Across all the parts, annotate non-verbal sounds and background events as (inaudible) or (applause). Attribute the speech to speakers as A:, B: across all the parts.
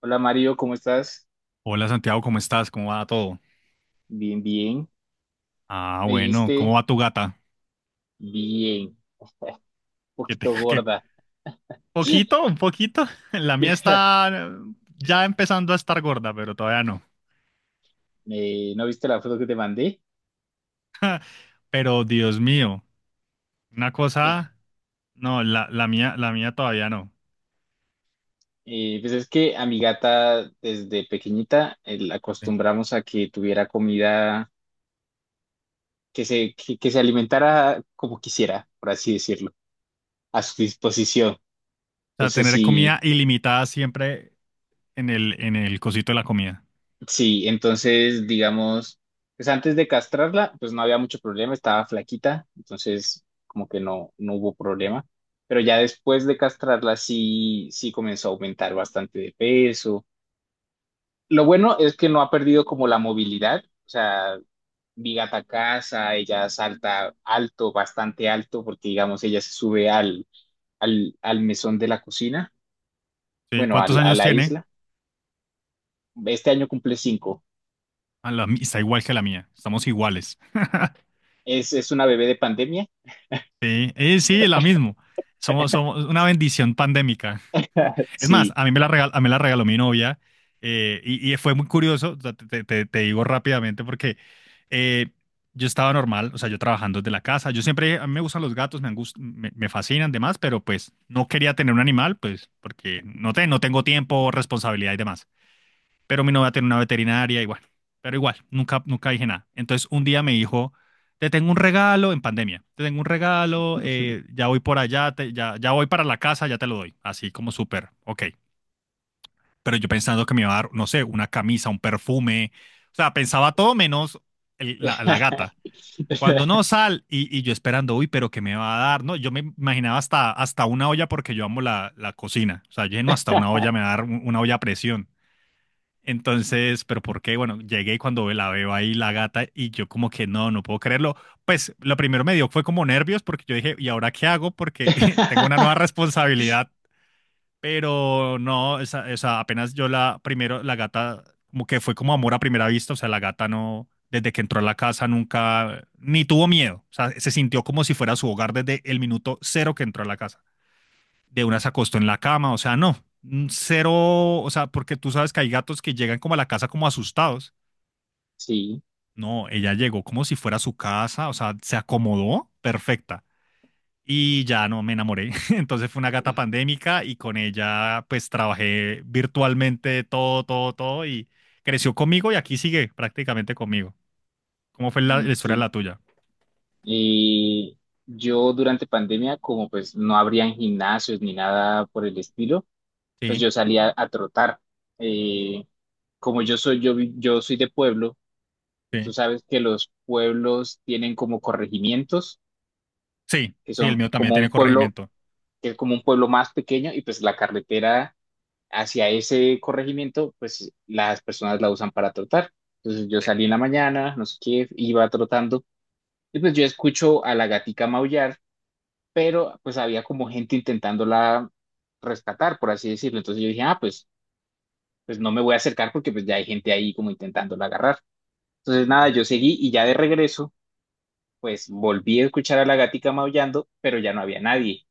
A: Hola Mario, ¿cómo estás?
B: Hola Santiago, ¿cómo estás? ¿Cómo va todo?
A: Bien, bien.
B: Ah,
A: Me
B: bueno, ¿cómo
A: dijiste
B: va tu gata?
A: bien, un
B: Que te-
A: poquito
B: (laughs) que-
A: gorda.
B: poquito, un poquito. (laughs) La mía
A: (laughs)
B: está ya empezando a estar gorda, pero todavía no.
A: ¿No viste la foto que te mandé?
B: Pero Dios mío, una cosa, no, la mía, la mía todavía no.
A: Pues es que a mi gata desde pequeñita la
B: Sí. O
A: acostumbramos a que tuviera comida, que se alimentara como quisiera, por así decirlo, a su disposición.
B: sea,
A: Entonces,
B: tener
A: sí.
B: comida ilimitada siempre en el cosito de la comida.
A: Sí, entonces, digamos, pues antes de castrarla, pues no había mucho problema, estaba flaquita, entonces como que no hubo problema. Pero ya después de castrarla, sí, sí comenzó a aumentar bastante de peso. Lo bueno es que no ha perdido como la movilidad, o sea, mi gata casa, ella salta alto, bastante alto, porque digamos, ella se sube al mesón de la cocina,
B: ¿Sí?
A: bueno,
B: ¿Cuántos
A: a
B: años
A: la
B: tiene?
A: isla. Este año cumple 5.
B: Está igual que la mía. Estamos iguales.
A: Es una bebé de pandemia,
B: Sí, y sí, la mismo. Somos una bendición pandémica. Es más,
A: sí.
B: a mí me la regaló mi novia, y fue muy curioso, o sea, te digo rápidamente porque eh, yo estaba normal, o sea, yo trabajando desde la casa. Yo siempre, a mí me gustan los gatos, me fascinan, demás, pero pues no quería tener un animal, pues porque no, no tengo tiempo, responsabilidad y demás, pero mi novia tiene una veterinaria y bueno, pero igual, nunca dije nada. Entonces un día me dijo, te tengo un regalo en pandemia, te tengo un regalo,
A: (laughs)
B: ya voy por allá, ya, ya voy para la casa, ya te lo doy, así como súper, ok. Pero yo pensando que me iba a dar, no sé, una camisa, un perfume, o sea, pensaba todo menos la gata.
A: (laughs)
B: Cuando no sal y yo esperando, uy, pero ¿qué me va a dar? No, yo me imaginaba hasta una olla porque yo amo la cocina. O sea, lleno hasta una olla, me va a dar una olla a presión. Entonces, pero ¿por qué? Bueno, llegué y cuando la veo ahí la gata y yo como que no, no puedo creerlo. Pues lo primero me dio fue como nervios porque yo dije, ¿y ahora qué hago? Porque (laughs) tengo una nueva responsabilidad, pero no, apenas yo la primero, la gata como que fue como amor a primera vista, o sea, la gata no, desde que entró a la casa nunca, ni tuvo miedo, o sea, se sintió como si fuera su hogar desde el minuto cero que entró a la casa. De una se acostó en la cama, o sea, no, cero, o sea, porque tú sabes que hay gatos que llegan como a la casa como asustados.
A: Sí,
B: No, ella llegó como si fuera su casa, o sea, se acomodó perfecta. Y ya no me enamoré. (laughs) Entonces fue una gata pandémica y con ella pues trabajé virtualmente todo, todo, todo y creció conmigo y aquí sigue prácticamente conmigo. ¿Cómo fue
A: mm,
B: la historia de
A: sí.
B: la tuya?
A: Y yo durante pandemia, como pues no habrían gimnasios ni nada por el estilo, pues
B: Sí,
A: yo salía a trotar. Eh, Como yo soy, yo soy de pueblo, tú
B: sí.
A: sabes que los pueblos tienen como corregimientos,
B: Sí,
A: que
B: sí, el
A: son
B: mío también
A: como un
B: tiene
A: pueblo,
B: corregimiento.
A: que es como un pueblo más pequeño, y pues la carretera hacia ese corregimiento, pues las personas la usan para trotar. Entonces yo
B: Sí,
A: salí en la mañana, no sé qué, iba trotando y pues yo escucho a la gatica maullar, pero pues había como gente intentándola rescatar, por así decirlo. Entonces yo dije, ah, pues no me voy a acercar porque pues ya hay gente ahí como intentándola agarrar. Entonces nada,
B: sí,
A: yo seguí y ya de regreso, pues volví a escuchar a la gatica maullando, pero ya no había nadie.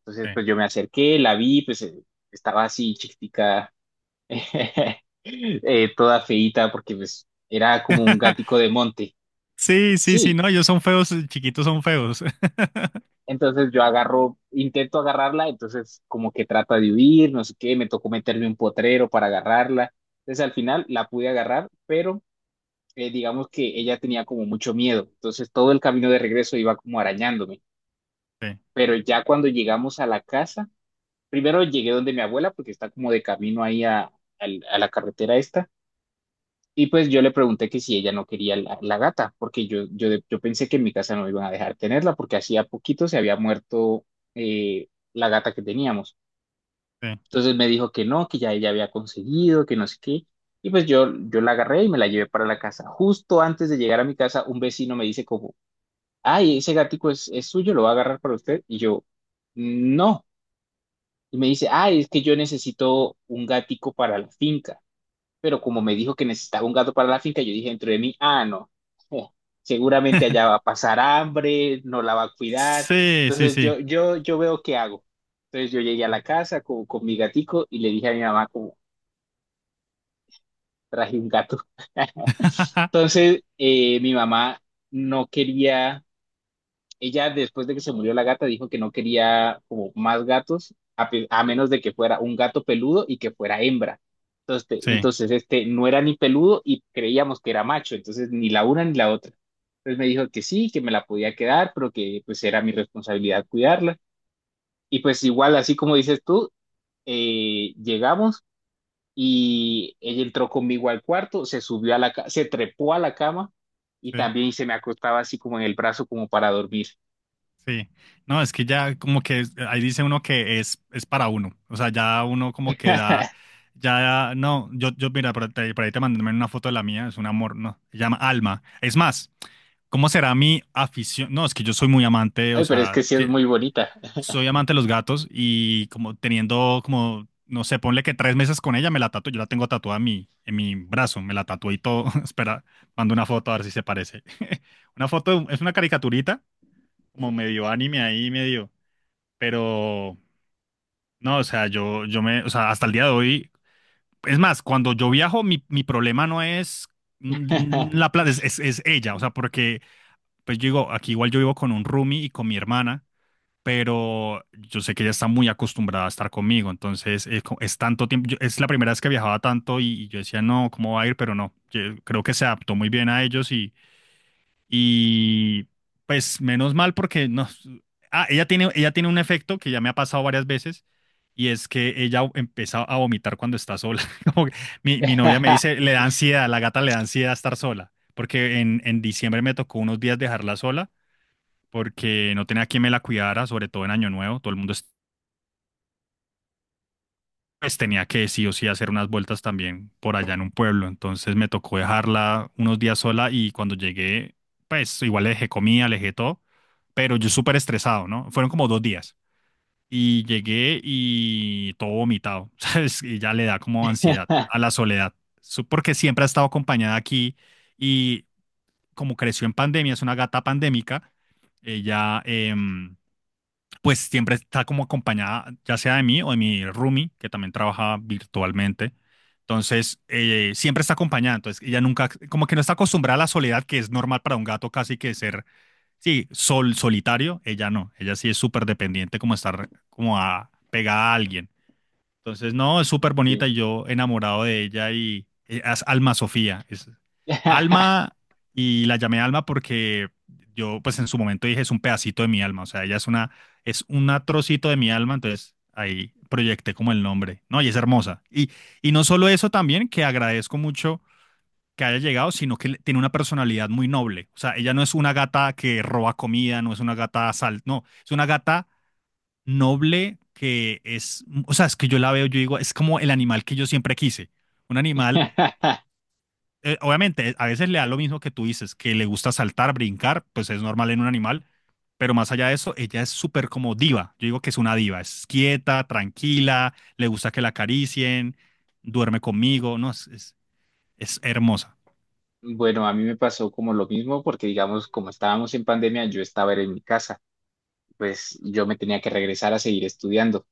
A: Entonces
B: sí.
A: pues yo me acerqué, la vi, pues estaba así chiquitica (laughs) toda feíta porque pues era como un
B: (laughs)
A: gatico de monte.
B: Sí, sí, sí,
A: Sí,
B: no, ellos son feos, chiquitos son feos. (laughs)
A: entonces yo agarro, intento agarrarla, entonces como que trata de huir, no sé qué, me tocó meterme un potrero para agarrarla. Entonces al final la pude agarrar, pero digamos que ella tenía como mucho miedo, entonces todo el camino de regreso iba como arañándome. Pero ya cuando llegamos a la casa, primero llegué donde mi abuela porque está como de camino ahí a, a la carretera esta. Y pues yo le pregunté que si ella no quería la gata, porque yo pensé que en mi casa no iban a dejar tenerla, porque hacía poquito se había muerto la gata que teníamos. Entonces me dijo que no, que ya ella había conseguido, que no sé qué. Y pues yo la agarré y me la llevé para la casa. Justo antes de llegar a mi casa, un vecino me dice como, ay, ese gatico es suyo, lo va a agarrar para usted. Y yo, no. Y me dice, ay, es que yo necesito un gatico para la finca pero como me dijo que necesitaba un gato para la finca, yo dije dentro de mí, ah, no, eh, seguramente allá va a pasar hambre, no la va a cuidar.
B: Sí, sí, sí,
A: Entonces
B: sí.
A: yo veo qué hago. Entonces yo llegué a la casa con mi gatico y le dije a mi mamá como traje un gato. (laughs)
B: Sí, (laughs)
A: Entonces mi mamá no quería ella después de que se murió la gata dijo que no quería como más gatos, a, pe- a menos de que fuera un gato peludo y que fuera hembra. Entonces, te- entonces, este no era ni peludo y creíamos que era macho, entonces ni la una ni la otra. Entonces me dijo que sí, que me la podía quedar, pero que pues era mi responsabilidad cuidarla. Y pues igual, así como dices tú, llegamos y ella entró conmigo al cuarto, se subió a la, se trepó a la cama y
B: sí, sí.
A: también se me acostaba así como en el brazo como para dormir.
B: Sí. No, es que ya como que ahí dice uno que es para uno. O sea, ya uno como que da,
A: (laughs)
B: ya, no, yo mira, ahí por ahí te mandé una foto de la mía, es un amor, no, se llama Alma. Es más, ¿cómo será mi afición? No, es que yo soy muy amante, o
A: Ay, pero es
B: sea,
A: que sí es muy bonita.
B: soy amante de los gatos y como teniendo como, no sé, ponle que tres meses con ella, me la tatué. Yo la tengo tatuada en mi brazo, me la tatué y todo. (laughs) Espera, mando una foto a ver si se parece. (laughs) Una foto, es una caricaturita, como medio anime ahí, medio. Pero, no, o sea, o sea, hasta el día de hoy. Es más, cuando yo viajo, mi problema no es la plata, es ella. O sea, porque, pues yo digo, aquí igual yo vivo con un roomie y con mi hermana, pero yo sé que ella está muy acostumbrada a estar conmigo, entonces es tanto tiempo, es la primera vez que viajaba tanto y yo decía, no, ¿cómo va a ir? Pero no, yo creo que se adaptó muy bien a ellos y pues menos mal porque no, ah, ella tiene un efecto que ya me ha pasado varias veces. Y es que ella empieza a vomitar cuando está sola. (laughs) Como que mi novia me
A: (laughs)
B: dice, le da ansiedad, la gata le da ansiedad estar sola, porque en diciembre me tocó unos días dejarla sola porque no tenía quien me la cuidara, sobre todo en Año Nuevo. Todo el mundo pues, tenía que sí o sí hacer unas vueltas también por allá en un pueblo. Entonces me tocó dejarla unos días sola y cuando llegué, pues igual le dejé comida, le dejé todo, pero yo súper estresado, ¿no? Fueron como dos días y llegué y todo vomitado, (laughs) ¿sabes? Y ya le da como ansiedad a la soledad, porque siempre ha estado acompañada aquí y como creció en pandemia, es una gata pandémica, ella... pues siempre está como acompañada, ya sea de mí o de mi roomie, que también trabaja virtualmente. Entonces, siempre está acompañada. Entonces, ella nunca, como que no está acostumbrada a la soledad, que es normal para un gato casi que ser, sí, solitario. Ella no. Ella sí es súper dependiente, como estar pegada a alguien. Entonces, no, es súper bonita
A: Ok.
B: y yo enamorado de ella y es Alma Sofía. Es Alma y la llamé Alma porque yo pues en su momento dije es un pedacito de mi alma, o sea, ella es una, es un trocito de mi alma, entonces ahí proyecté como el nombre. No, y es hermosa. Y no solo eso, también que agradezco mucho que haya llegado, sino que tiene una personalidad muy noble. O sea, ella no es una gata que roba comida, no es una gata sal, no, es una gata noble que es, o sea, es que yo la veo, yo digo, es como el animal que yo siempre quise. Un animal,
A: (laughs)
B: obviamente, a veces le da lo mismo que tú dices, que le gusta saltar, brincar, pues es normal en un animal, pero más allá de eso, ella es súper como diva. Yo digo que es una diva, es quieta, tranquila, le gusta que la acaricien, duerme conmigo, no, es hermosa.
A: Bueno, a mí me pasó como lo mismo porque, digamos, como estábamos en pandemia, yo estaba era en mi casa, pues yo me tenía que regresar a seguir estudiando.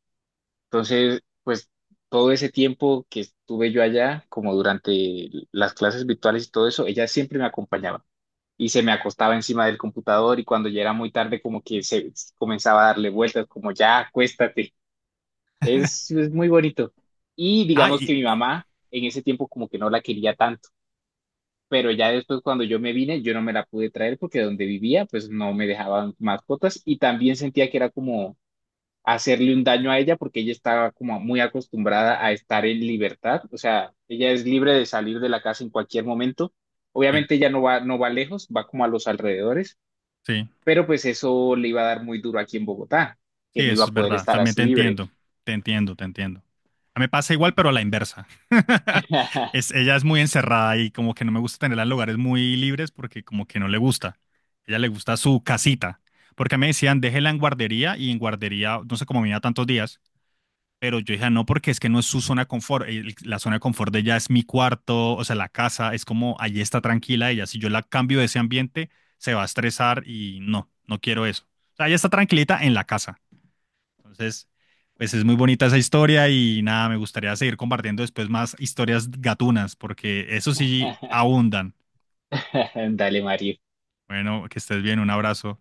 A: Entonces, pues todo ese tiempo que estuve yo allá, como durante las clases virtuales y todo eso, ella siempre me acompañaba y se me acostaba encima del computador y cuando ya era muy tarde, como que se comenzaba a darle vueltas, como ya, acuéstate. Es muy bonito. Y
B: Ah,
A: digamos que
B: y,
A: mi mamá en ese tiempo como que no la quería tanto, pero ya después cuando yo me vine, yo no me la pude traer porque donde vivía pues no me dejaban mascotas y también sentía que era como hacerle un daño a ella porque ella estaba como muy acostumbrada a estar en libertad, o sea, ella es libre de salir de la casa en cualquier momento.
B: sí,
A: Obviamente ella no va lejos, va como a los alrededores,
B: sí.
A: pero pues eso le iba a dar muy duro aquí en Bogotá, que
B: Sí,
A: no iba
B: eso
A: a
B: es
A: poder
B: verdad.
A: estar
B: También
A: así
B: te
A: libre.
B: entiendo. Te entiendo, te entiendo. A mí me pasa igual, pero a la inversa. (laughs) Es, ella es muy encerrada y como que no me gusta tenerla en lugares muy libres porque como que no le gusta. Ella le gusta su casita. Porque me decían, déjela en guardería y en guardería, no sé cómo me iba tantos días, pero yo dije, no, porque es que no es su zona de confort. La zona de confort de ella es mi cuarto, o sea, la casa, es como, allí está tranquila ella. Si yo la cambio de ese ambiente, se va a estresar y no, no quiero eso. O sea, ella está tranquilita en la casa. Entonces, pues es muy bonita esa historia y nada, me gustaría seguir compartiendo después más historias gatunas, porque eso sí
A: (laughs)
B: abundan.
A: (laughs) Dale, Mario.
B: Bueno, que estés bien, un abrazo.